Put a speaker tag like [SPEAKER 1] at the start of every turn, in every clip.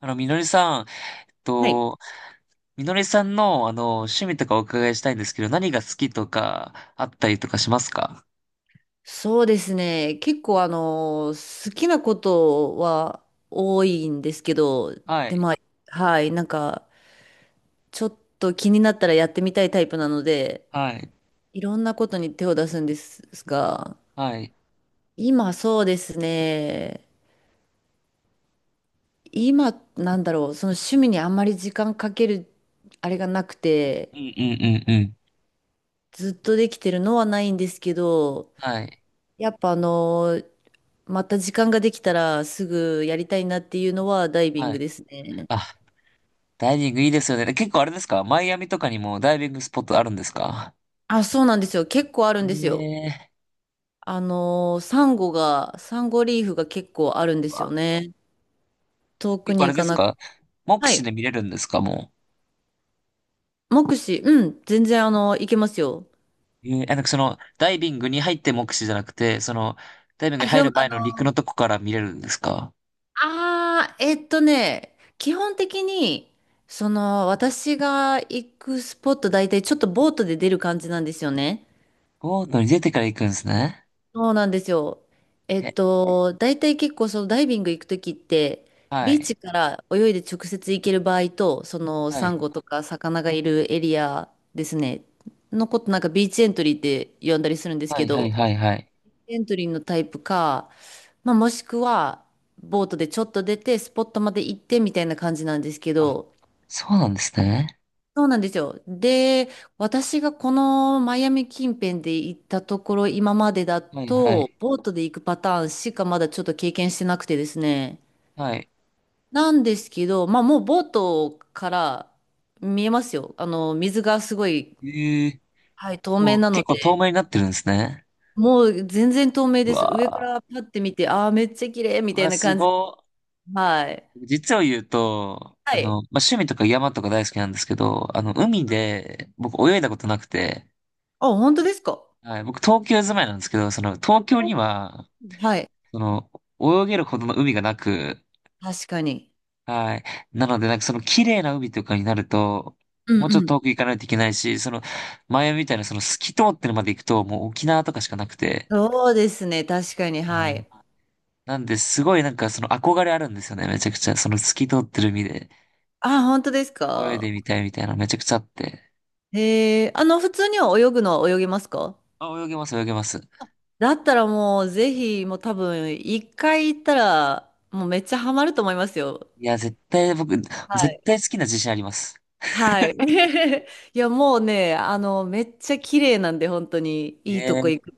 [SPEAKER 1] みのりさん、えっ
[SPEAKER 2] はい。
[SPEAKER 1] と、みのりさんの、趣味とかお伺いしたいんですけど、何が好きとか、あったりとかしますか？
[SPEAKER 2] そうですね。結構好きなことは多いんですけど、
[SPEAKER 1] は
[SPEAKER 2] で、
[SPEAKER 1] い、
[SPEAKER 2] まあ、はい、ちょっと気になったらやってみたいタイプなので、
[SPEAKER 1] はい、
[SPEAKER 2] いろんなことに手を出すんですが、
[SPEAKER 1] はい。
[SPEAKER 2] 今そうですね。今、その趣味にあんまり時間かける、あれがなくて、
[SPEAKER 1] うん、うん、うん、うん。
[SPEAKER 2] ずっとできてるのはないんですけど、
[SPEAKER 1] はい、
[SPEAKER 2] やっぱまた時間ができたらすぐやりたいなっていうのはダイビン
[SPEAKER 1] は
[SPEAKER 2] グ
[SPEAKER 1] い。
[SPEAKER 2] ですね。
[SPEAKER 1] あ、ダイビングいいですよね。結構あれですか？マイアミとかにもダイビングスポットあるんですか？
[SPEAKER 2] あ、そうなんですよ。結構あるんですよ。
[SPEAKER 1] ええ
[SPEAKER 2] サンゴリーフが結構あるん
[SPEAKER 1] ー。
[SPEAKER 2] で
[SPEAKER 1] う
[SPEAKER 2] すよ
[SPEAKER 1] わ。
[SPEAKER 2] ね。遠く
[SPEAKER 1] 結構あ
[SPEAKER 2] に
[SPEAKER 1] れ
[SPEAKER 2] 行
[SPEAKER 1] で
[SPEAKER 2] か
[SPEAKER 1] す
[SPEAKER 2] なく。
[SPEAKER 1] か？目
[SPEAKER 2] は
[SPEAKER 1] 視
[SPEAKER 2] い。
[SPEAKER 1] で見れるんですか？も
[SPEAKER 2] 目視、うん、全然行けますよ。
[SPEAKER 1] う。ええ、あ、なんか、その、ダイビングに入って目視じゃなくて、その、ダイビング
[SPEAKER 2] あ、
[SPEAKER 1] に
[SPEAKER 2] ひ
[SPEAKER 1] 入
[SPEAKER 2] ょ、あ
[SPEAKER 1] る前の陸
[SPEAKER 2] の
[SPEAKER 1] の
[SPEAKER 2] ー
[SPEAKER 1] とこから見れるんですか？
[SPEAKER 2] あー、えっとね、基本的に、私が行くスポット大体ちょっとボートで出る感じなんですよね。
[SPEAKER 1] ボートに出てから行くんですね。
[SPEAKER 2] そうなんですよ。
[SPEAKER 1] へ。
[SPEAKER 2] 大体結構そのダイビング行くときって、
[SPEAKER 1] は
[SPEAKER 2] ビー
[SPEAKER 1] い。
[SPEAKER 2] チから泳いで直接行ける場合と、その
[SPEAKER 1] は
[SPEAKER 2] サ
[SPEAKER 1] い。
[SPEAKER 2] ンゴとか魚がいるエリアですね、のことなんかビーチエントリーって呼んだりするんです
[SPEAKER 1] は
[SPEAKER 2] け
[SPEAKER 1] い、はい、
[SPEAKER 2] ど、
[SPEAKER 1] はい、はい。
[SPEAKER 2] エントリーのタイプか、まあ、もしくはボートでちょっと出てスポットまで行ってみたいな感じなんですけ
[SPEAKER 1] あ、
[SPEAKER 2] ど、
[SPEAKER 1] そうなんですね。
[SPEAKER 2] そうなんですよ。で、私がこのマイアミ近辺で行ったところ、今までだ
[SPEAKER 1] はい、は
[SPEAKER 2] と、
[SPEAKER 1] い、
[SPEAKER 2] ボートで行くパターンしかまだちょっと経験してなくてですね。
[SPEAKER 1] はい。
[SPEAKER 2] なんですけど、まあもうボートから見えますよ。水がすごい、
[SPEAKER 1] ええ、
[SPEAKER 2] はい、透明
[SPEAKER 1] もう
[SPEAKER 2] なの
[SPEAKER 1] 結構透
[SPEAKER 2] で、
[SPEAKER 1] 明になってるんですね。
[SPEAKER 2] もう全然透明
[SPEAKER 1] う
[SPEAKER 2] です。上か
[SPEAKER 1] わ
[SPEAKER 2] らパッて見て、ああ、めっちゃ綺麗み
[SPEAKER 1] ー、う
[SPEAKER 2] たい
[SPEAKER 1] わ、
[SPEAKER 2] な
[SPEAKER 1] す
[SPEAKER 2] 感じ。
[SPEAKER 1] ご
[SPEAKER 2] はい。
[SPEAKER 1] い。実を言うと、
[SPEAKER 2] は
[SPEAKER 1] ま
[SPEAKER 2] い。
[SPEAKER 1] あ、趣味とか山とか大好きなんですけど、海で僕泳いだことなくて、
[SPEAKER 2] あ、本当ですか？
[SPEAKER 1] はい、僕東京住まいなんですけど、その東京
[SPEAKER 2] おー、
[SPEAKER 1] には、
[SPEAKER 2] はい。
[SPEAKER 1] その、泳げるほどの海がなく、
[SPEAKER 2] 確かに。
[SPEAKER 1] はい。なので、なんかその綺麗な海とかになると、
[SPEAKER 2] うん
[SPEAKER 1] もうちょっ
[SPEAKER 2] う
[SPEAKER 1] と遠
[SPEAKER 2] ん。
[SPEAKER 1] く行かないといけないし、その前みたいなその透き通ってるまで行くと、もう沖縄とかしかなくて、
[SPEAKER 2] そうですね。確かに。
[SPEAKER 1] は
[SPEAKER 2] は
[SPEAKER 1] い。
[SPEAKER 2] い。
[SPEAKER 1] なんで、すごいなんかその憧れあるんですよね、めちゃくちゃ。その透き通ってる海で
[SPEAKER 2] あ、本当です
[SPEAKER 1] 泳いで
[SPEAKER 2] か？
[SPEAKER 1] みたいみたいなめちゃくちゃあって。
[SPEAKER 2] へえー、普通には泳ぐのは泳げますか？
[SPEAKER 1] あ、泳げます、泳げます。
[SPEAKER 2] だったらもう、ぜひ、もう多分、一回行ったら、もうめっちゃハマると思いますよ。
[SPEAKER 1] いや、絶対僕、
[SPEAKER 2] は
[SPEAKER 1] 絶
[SPEAKER 2] い。
[SPEAKER 1] 対好きな自信あります。
[SPEAKER 2] はい。いや、もうね、めっちゃ綺麗なんで、本当に、いいとこ
[SPEAKER 1] え
[SPEAKER 2] 行
[SPEAKER 1] え、
[SPEAKER 2] く。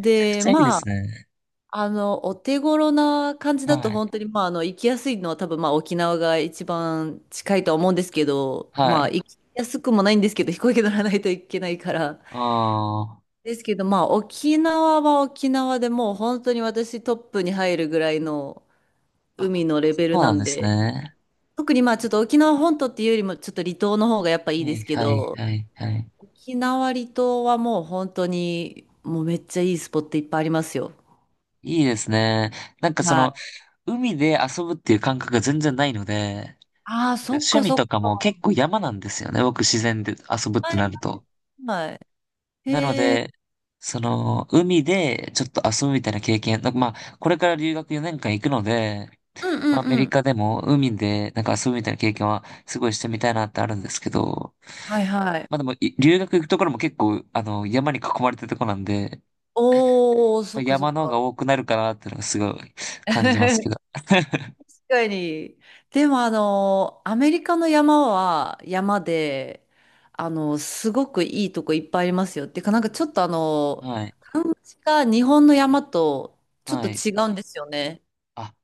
[SPEAKER 1] めちゃくちゃいいで
[SPEAKER 2] ま
[SPEAKER 1] す
[SPEAKER 2] あ、
[SPEAKER 1] ね。
[SPEAKER 2] お手頃な感じ
[SPEAKER 1] は
[SPEAKER 2] だと、
[SPEAKER 1] い。
[SPEAKER 2] 本当に、まあ、行きやすいのは多分、まあ、沖縄が一番近いとは思うんですけど、
[SPEAKER 1] は
[SPEAKER 2] まあ、
[SPEAKER 1] い。
[SPEAKER 2] 行きやすくもないんですけど、飛行機乗らないといけないから、
[SPEAKER 1] ああ。
[SPEAKER 2] ですけど、まあ、沖縄は沖縄でもう本当に私トップに入るぐらいの
[SPEAKER 1] あ、
[SPEAKER 2] 海のレ
[SPEAKER 1] そ
[SPEAKER 2] ベル
[SPEAKER 1] う
[SPEAKER 2] な
[SPEAKER 1] なん
[SPEAKER 2] ん
[SPEAKER 1] です
[SPEAKER 2] で、
[SPEAKER 1] ね。
[SPEAKER 2] 特にまあちょっと沖縄本島っていうよりもちょっと離島の方がやっぱいい
[SPEAKER 1] は
[SPEAKER 2] で
[SPEAKER 1] い、
[SPEAKER 2] すけ
[SPEAKER 1] はい、
[SPEAKER 2] ど、
[SPEAKER 1] はい、はい。
[SPEAKER 2] 沖縄離島はもう本当にもうめっちゃいいスポットいっぱいありますよ。
[SPEAKER 1] いいですね。なんかそ
[SPEAKER 2] は
[SPEAKER 1] の、
[SPEAKER 2] い。
[SPEAKER 1] 海で遊ぶっていう感覚が全然ないので、なんか
[SPEAKER 2] ああ、そっ
[SPEAKER 1] 趣
[SPEAKER 2] か
[SPEAKER 1] 味
[SPEAKER 2] そっ
[SPEAKER 1] とか
[SPEAKER 2] か。
[SPEAKER 1] も結構山なんですよね。僕自然で遊ぶっ
[SPEAKER 2] は
[SPEAKER 1] てな
[SPEAKER 2] い
[SPEAKER 1] ると。
[SPEAKER 2] はい。
[SPEAKER 1] なので、その、海でちょっと遊ぶみたいな経験、なんかまあ、これから留学4年間行くので、
[SPEAKER 2] うんう
[SPEAKER 1] まあ、アメ
[SPEAKER 2] んう
[SPEAKER 1] リ
[SPEAKER 2] ん。
[SPEAKER 1] カでも海でなんか遊ぶみたいな経験はすごいしてみたいなってあるんですけど、
[SPEAKER 2] はいはい。
[SPEAKER 1] まあでも、留学行くところも結構、山に囲まれてるとこなんで、
[SPEAKER 2] おー、
[SPEAKER 1] ま
[SPEAKER 2] そ
[SPEAKER 1] あ、
[SPEAKER 2] っかそっ
[SPEAKER 1] 山の方が
[SPEAKER 2] か。
[SPEAKER 1] 多くなるかなっていうのがすごい感じますけど。
[SPEAKER 2] 確かに。でもアメリカの山は山で、すごくいいとこいっぱいありますよ。っていうか、なんかちょっと
[SPEAKER 1] はい。
[SPEAKER 2] 感じが日本の山とちょっ
[SPEAKER 1] は
[SPEAKER 2] と
[SPEAKER 1] い。
[SPEAKER 2] 違うんですよね。
[SPEAKER 1] あ、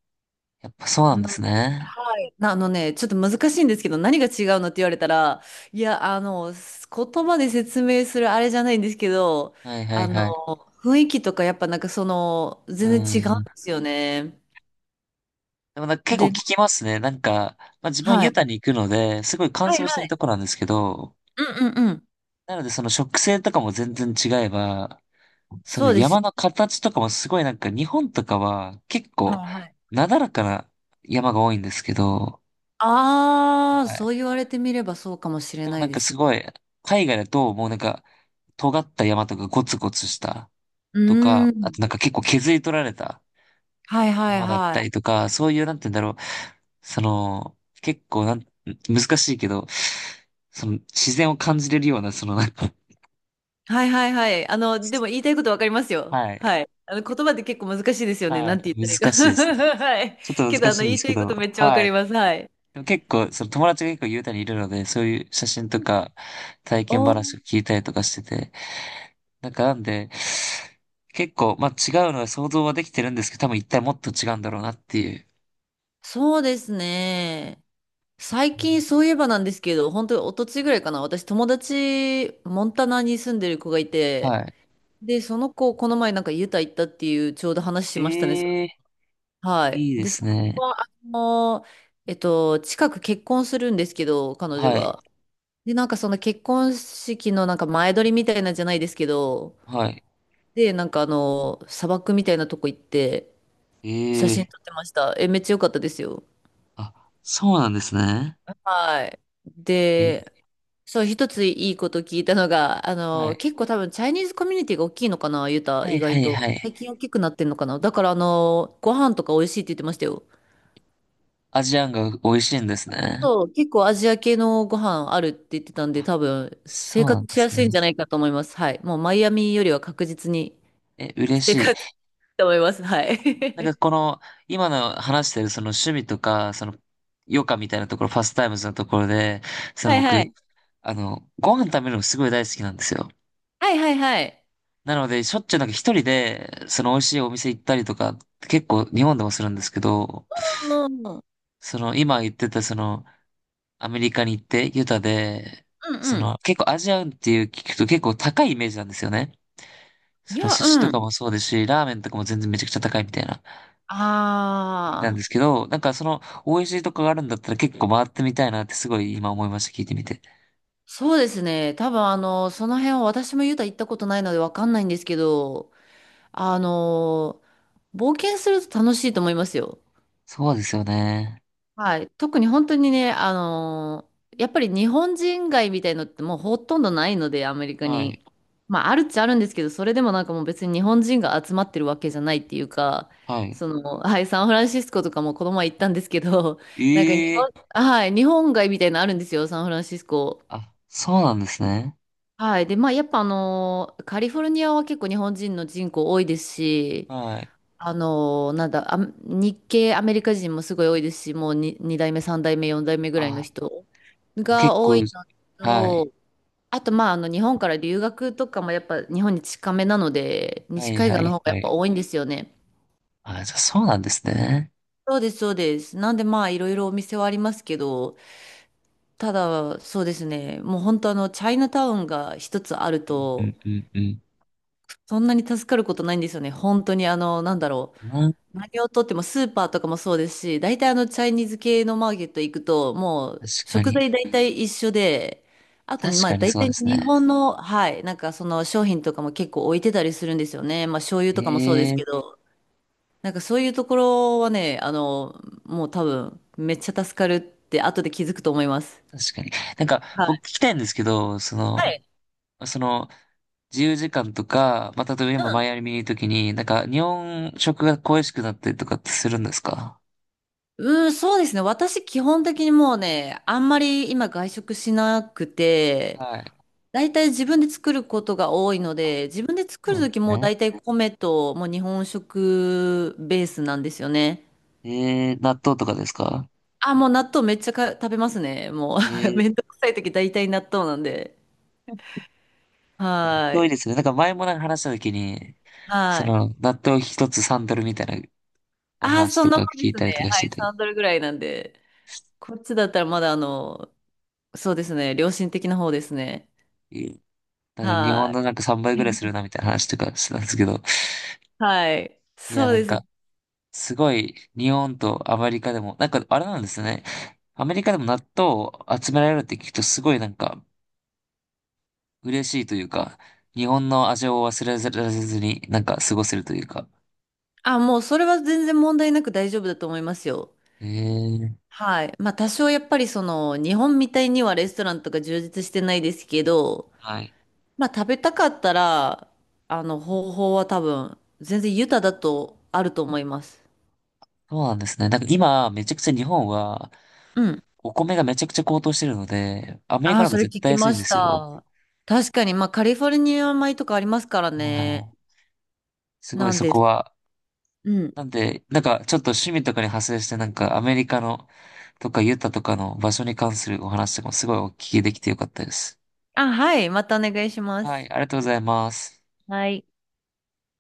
[SPEAKER 1] やっぱそうなんで
[SPEAKER 2] な、
[SPEAKER 1] すね。
[SPEAKER 2] はい。なあのね、ちょっと難しいんですけど、何が違うのって言われたら、いや、言葉で説明するあれじゃないんですけど、
[SPEAKER 1] はいは
[SPEAKER 2] あ
[SPEAKER 1] い
[SPEAKER 2] の、
[SPEAKER 1] はい。
[SPEAKER 2] 雰囲気とかやっぱなんかその、
[SPEAKER 1] う
[SPEAKER 2] 全然違うん
[SPEAKER 1] ん。
[SPEAKER 2] ですよね。
[SPEAKER 1] でもなんか結構聞
[SPEAKER 2] で、
[SPEAKER 1] きますね。なんか、まあ、自分
[SPEAKER 2] は
[SPEAKER 1] ユ
[SPEAKER 2] い。
[SPEAKER 1] タに行くので、すごい乾
[SPEAKER 2] はい
[SPEAKER 1] 燥して
[SPEAKER 2] は
[SPEAKER 1] る
[SPEAKER 2] い。
[SPEAKER 1] ところなんですけど、
[SPEAKER 2] うんうんうん。
[SPEAKER 1] なのでその植生とかも全然違えば、その
[SPEAKER 2] そうで
[SPEAKER 1] 山
[SPEAKER 2] す。
[SPEAKER 1] の形とかもすごいなんか日本とかは結構
[SPEAKER 2] はいはい。
[SPEAKER 1] なだらかな山が多いんですけど、
[SPEAKER 2] ああ、
[SPEAKER 1] はい。
[SPEAKER 2] そう言われてみればそうかもしれ
[SPEAKER 1] でも
[SPEAKER 2] な
[SPEAKER 1] な
[SPEAKER 2] い
[SPEAKER 1] ん
[SPEAKER 2] で
[SPEAKER 1] か
[SPEAKER 2] す
[SPEAKER 1] す
[SPEAKER 2] ね。
[SPEAKER 1] ごい、海外だともうなんか尖った山とかゴツゴツした
[SPEAKER 2] う
[SPEAKER 1] と
[SPEAKER 2] ー
[SPEAKER 1] か、あ
[SPEAKER 2] ん。
[SPEAKER 1] となんか結構削り取られた
[SPEAKER 2] はいはい
[SPEAKER 1] 山だっ
[SPEAKER 2] は
[SPEAKER 1] たり
[SPEAKER 2] い。
[SPEAKER 1] とか、そういう、なんて言うんだろう。その、結構なん、難しいけど、その、自然を感じれるような、その、なんか、
[SPEAKER 2] はいはいはい。でも言いたいことわかります よ。
[SPEAKER 1] はい、
[SPEAKER 2] はい。言葉って結構難しいですよね。
[SPEAKER 1] は
[SPEAKER 2] なんて言っ
[SPEAKER 1] い、
[SPEAKER 2] たらいいか。
[SPEAKER 1] 難しいです。
[SPEAKER 2] はい。
[SPEAKER 1] ちょっと
[SPEAKER 2] けど、
[SPEAKER 1] 難しいん
[SPEAKER 2] 言
[SPEAKER 1] で
[SPEAKER 2] い
[SPEAKER 1] すけ
[SPEAKER 2] たいこ
[SPEAKER 1] ど、
[SPEAKER 2] とめっちゃわか
[SPEAKER 1] は
[SPEAKER 2] り
[SPEAKER 1] い。
[SPEAKER 2] ます。はい。
[SPEAKER 1] でも結構、その友達が結構雄太にいるので、そういう写真とか、体
[SPEAKER 2] お、
[SPEAKER 1] 験話を聞いたりとかしてて、なんかなんで、結構、まあ違うのは想像はできてるんですけど、多分一体もっと違うんだろうなっていう。
[SPEAKER 2] そうですね。最近そういえばなんですけど、本当に一昨日ぐらいかな。私、友達、モンタナに住んでる子がい
[SPEAKER 1] は
[SPEAKER 2] て、
[SPEAKER 1] い。
[SPEAKER 2] で、その子、この前なんかユタ行ったっていう、ちょうど話しましたね。
[SPEAKER 1] ええ、
[SPEAKER 2] はい。
[SPEAKER 1] いいで
[SPEAKER 2] で、そ
[SPEAKER 1] す
[SPEAKER 2] の子
[SPEAKER 1] ね。
[SPEAKER 2] は、近く結婚するんですけど、彼女
[SPEAKER 1] はい。
[SPEAKER 2] が。で、なんかその結婚式のなんか前撮りみたいなんじゃないですけど、
[SPEAKER 1] はい。
[SPEAKER 2] で、なんか砂漠みたいなとこ行って、写真
[SPEAKER 1] ええ、
[SPEAKER 2] 撮ってました。え、めっちゃ良かったですよ。
[SPEAKER 1] あ、そうなんですね。
[SPEAKER 2] はい。
[SPEAKER 1] え、
[SPEAKER 2] で、そう、一ついいこと聞いたのが、
[SPEAKER 1] はい。
[SPEAKER 2] 結構多分チャイニーズコミュニティが大きいのかな、ユタ、
[SPEAKER 1] は
[SPEAKER 2] 意
[SPEAKER 1] いは
[SPEAKER 2] 外
[SPEAKER 1] い
[SPEAKER 2] と。
[SPEAKER 1] はい。
[SPEAKER 2] 最近大きくなってんのかな。だからご飯とか美味しいって言ってましたよ。
[SPEAKER 1] アジアンが美味しいんですね。
[SPEAKER 2] そう、結構アジア系のご飯あるって言ってたんで、
[SPEAKER 1] あ、
[SPEAKER 2] 多分生
[SPEAKER 1] そうな
[SPEAKER 2] 活
[SPEAKER 1] んで
[SPEAKER 2] し
[SPEAKER 1] す
[SPEAKER 2] やす
[SPEAKER 1] ね。
[SPEAKER 2] いんじゃないかと思います。はい。もうマイアミよりは確実に
[SPEAKER 1] え、嬉し
[SPEAKER 2] 生活
[SPEAKER 1] い。
[SPEAKER 2] いいと思います。はい。
[SPEAKER 1] なんか この、今の話してるその趣味とか、その、余暇みたいなところ、パスタイムズのところで、その
[SPEAKER 2] はいは
[SPEAKER 1] 僕、
[SPEAKER 2] い。
[SPEAKER 1] ご飯食べるのすごい大好きなんですよ。
[SPEAKER 2] はいはいはい。
[SPEAKER 1] なので、しょっちゅうなんか一人で、その美味しいお店行ったりとか、結構日本でもするんですけど、
[SPEAKER 2] うんうん
[SPEAKER 1] その今言ってたその、アメリカに行って、ユタで、
[SPEAKER 2] う
[SPEAKER 1] そ
[SPEAKER 2] ん。
[SPEAKER 1] の、結構アジアンっていう聞くと結構高いイメージなんですよね。
[SPEAKER 2] い
[SPEAKER 1] その
[SPEAKER 2] や、
[SPEAKER 1] 寿司と
[SPEAKER 2] う
[SPEAKER 1] か
[SPEAKER 2] ん。
[SPEAKER 1] もそうですし、ラーメンとかも全然めちゃくちゃ高いみたいな意味なんで
[SPEAKER 2] ああ、
[SPEAKER 1] すけど、なんかその、美味しいとこがあるんだったら結構回ってみたいなってすごい今思いました、聞いてみて。
[SPEAKER 2] そうですね。多分その辺は私もユタ行ったことないのでわかんないんですけど、あの、冒険すると楽しいと思いますよ。
[SPEAKER 1] そうですよね。
[SPEAKER 2] はい。特に本当にね、やっぱり日本人街みたいのってもうほとんどないので、アメリカ
[SPEAKER 1] はい。
[SPEAKER 2] に。まあ、あるっちゃあるんですけど、それでもなんかもう別に日本人が集まってるわけじゃないっていうか、
[SPEAKER 1] はい。
[SPEAKER 2] はい、サンフランシスコとかもこの前行ったんですけど、なんか日
[SPEAKER 1] ええ、
[SPEAKER 2] 本、はい、日本街みたいなのあるんですよ、サンフランシスコ。
[SPEAKER 1] あ、そうなんですね。
[SPEAKER 2] はい。で、まあ、やっぱカリフォルニアは結構日本人の人口多いですし、
[SPEAKER 1] はい。
[SPEAKER 2] あのなんだ、あ、日系アメリカ人もすごい多いですし、もう2代目、3代目、4代目ぐらいの
[SPEAKER 1] あ、
[SPEAKER 2] 人が
[SPEAKER 1] 結
[SPEAKER 2] 多
[SPEAKER 1] 構、
[SPEAKER 2] いの
[SPEAKER 1] はい。
[SPEAKER 2] と、あと、まあ、日本から留学とかもやっぱ日本に近めなので、
[SPEAKER 1] は
[SPEAKER 2] 西
[SPEAKER 1] い、
[SPEAKER 2] 海
[SPEAKER 1] は
[SPEAKER 2] 岸の
[SPEAKER 1] い、
[SPEAKER 2] 方がや
[SPEAKER 1] は
[SPEAKER 2] っぱ
[SPEAKER 1] い。
[SPEAKER 2] 多いんですよね。
[SPEAKER 1] あ、じゃあそうなんですね。
[SPEAKER 2] そうです、そうです。なんで、まあ、いろいろお店はありますけど、ただ、そうですね、もう本当、チャイナタウンが一つある
[SPEAKER 1] うん、う
[SPEAKER 2] と、
[SPEAKER 1] ん、うん、う
[SPEAKER 2] そんなに助かることないんですよね。本当に、
[SPEAKER 1] ん。うん、
[SPEAKER 2] 何をとってもスーパーとかもそうですし、大体チャイニーズ系のマーケット行くと、もう
[SPEAKER 1] 確か
[SPEAKER 2] 食
[SPEAKER 1] に。
[SPEAKER 2] 材大体一緒で、あと、
[SPEAKER 1] 確
[SPEAKER 2] まあ
[SPEAKER 1] かに
[SPEAKER 2] 大
[SPEAKER 1] そうで
[SPEAKER 2] 体
[SPEAKER 1] す
[SPEAKER 2] 日
[SPEAKER 1] ね。
[SPEAKER 2] 本の、はい、なんかその商品とかも結構置いてたりするんですよね。まあ醤油
[SPEAKER 1] え
[SPEAKER 2] とかもそうです
[SPEAKER 1] え、
[SPEAKER 2] けど、なんかそういうところはね、もう多分めっちゃ助かるって後で気づくと思います。
[SPEAKER 1] 確かに。なんか、
[SPEAKER 2] は
[SPEAKER 1] 僕
[SPEAKER 2] い。
[SPEAKER 1] 聞きたいんですけど、そ
[SPEAKER 2] は
[SPEAKER 1] の、
[SPEAKER 2] い。
[SPEAKER 1] その、自由時間とか、まあ、例えば
[SPEAKER 2] う
[SPEAKER 1] 今マ
[SPEAKER 2] ん。
[SPEAKER 1] イアミにいるときに、なんか、日本食が恋しくなったりとかってするんですか？
[SPEAKER 2] うん、そうですね。私基本的にもうね、あんまり今外食しなくて、
[SPEAKER 1] はい。
[SPEAKER 2] 大体自分で作ることが多いので、自分で
[SPEAKER 1] そ
[SPEAKER 2] 作
[SPEAKER 1] う
[SPEAKER 2] る
[SPEAKER 1] なん
[SPEAKER 2] と
[SPEAKER 1] で
[SPEAKER 2] き
[SPEAKER 1] す
[SPEAKER 2] も
[SPEAKER 1] ね。
[SPEAKER 2] 大体米ともう日本食ベースなんですよね。
[SPEAKER 1] えー納豆とかですか？
[SPEAKER 2] あ、もう納豆めっちゃか食べますね。も
[SPEAKER 1] え
[SPEAKER 2] う
[SPEAKER 1] え、
[SPEAKER 2] めんどくさいとき大体納豆なんで。
[SPEAKER 1] 納
[SPEAKER 2] は
[SPEAKER 1] 豆い
[SPEAKER 2] い。
[SPEAKER 1] いですね。なんか前もなんか話したときに、そ
[SPEAKER 2] はい。
[SPEAKER 1] の、納豆一つサンドルみたいなお
[SPEAKER 2] あ、
[SPEAKER 1] 話
[SPEAKER 2] そ
[SPEAKER 1] と
[SPEAKER 2] んな
[SPEAKER 1] か
[SPEAKER 2] もんで
[SPEAKER 1] 聞い
[SPEAKER 2] す
[SPEAKER 1] たりと
[SPEAKER 2] ね。
[SPEAKER 1] か
[SPEAKER 2] は
[SPEAKER 1] し
[SPEAKER 2] い。
[SPEAKER 1] てて、
[SPEAKER 2] 3ドルぐらいなんで。こっちだったらまだそうですね。良心的な方ですね。
[SPEAKER 1] ええ、なんか日本
[SPEAKER 2] は
[SPEAKER 1] のなんか3倍ぐらい
[SPEAKER 2] い。
[SPEAKER 1] する なみたいな話とかしてたんですけど、
[SPEAKER 2] はい。
[SPEAKER 1] いや、
[SPEAKER 2] そう
[SPEAKER 1] なん
[SPEAKER 2] です。
[SPEAKER 1] か、すごい、日本とアメリカでも、なんかあれなんですね。アメリカでも納豆を集められるって聞くとすごいなんか嬉しいというか、日本の味を忘れられずになんか過ごせるというか。
[SPEAKER 2] あ、もうそれは全然問題なく大丈夫だと思いますよ。
[SPEAKER 1] ええ、
[SPEAKER 2] はい。まあ多少やっぱりその日本みたいにはレストランとか充実してないですけど、
[SPEAKER 1] はい。
[SPEAKER 2] まあ食べたかったら、方法は多分全然豊だとあると思います。
[SPEAKER 1] そうなんですね。なんか今、めちゃくちゃ日本は
[SPEAKER 2] うん。
[SPEAKER 1] お米がめちゃくちゃ高騰してるので、アメリ
[SPEAKER 2] あ
[SPEAKER 1] カ
[SPEAKER 2] あ、
[SPEAKER 1] なん
[SPEAKER 2] そ
[SPEAKER 1] か
[SPEAKER 2] れ
[SPEAKER 1] 絶
[SPEAKER 2] 聞
[SPEAKER 1] 対
[SPEAKER 2] き
[SPEAKER 1] 安い
[SPEAKER 2] ま
[SPEAKER 1] んで
[SPEAKER 2] し
[SPEAKER 1] すよ。
[SPEAKER 2] た。確かに、まあカリフォルニア米とかありますから
[SPEAKER 1] は
[SPEAKER 2] ね。
[SPEAKER 1] い。すごい
[SPEAKER 2] なん
[SPEAKER 1] そ
[SPEAKER 2] で
[SPEAKER 1] こ
[SPEAKER 2] す。
[SPEAKER 1] は
[SPEAKER 2] うん。
[SPEAKER 1] なんで、なんかちょっと趣味とかに派生して、なんかアメリカのとかユタとかの場所に関するお話とかもすごいお聞きできてよかったです。
[SPEAKER 2] あ、はい。またお願いしま
[SPEAKER 1] は
[SPEAKER 2] す。
[SPEAKER 1] い、ありがとうございます。
[SPEAKER 2] はい。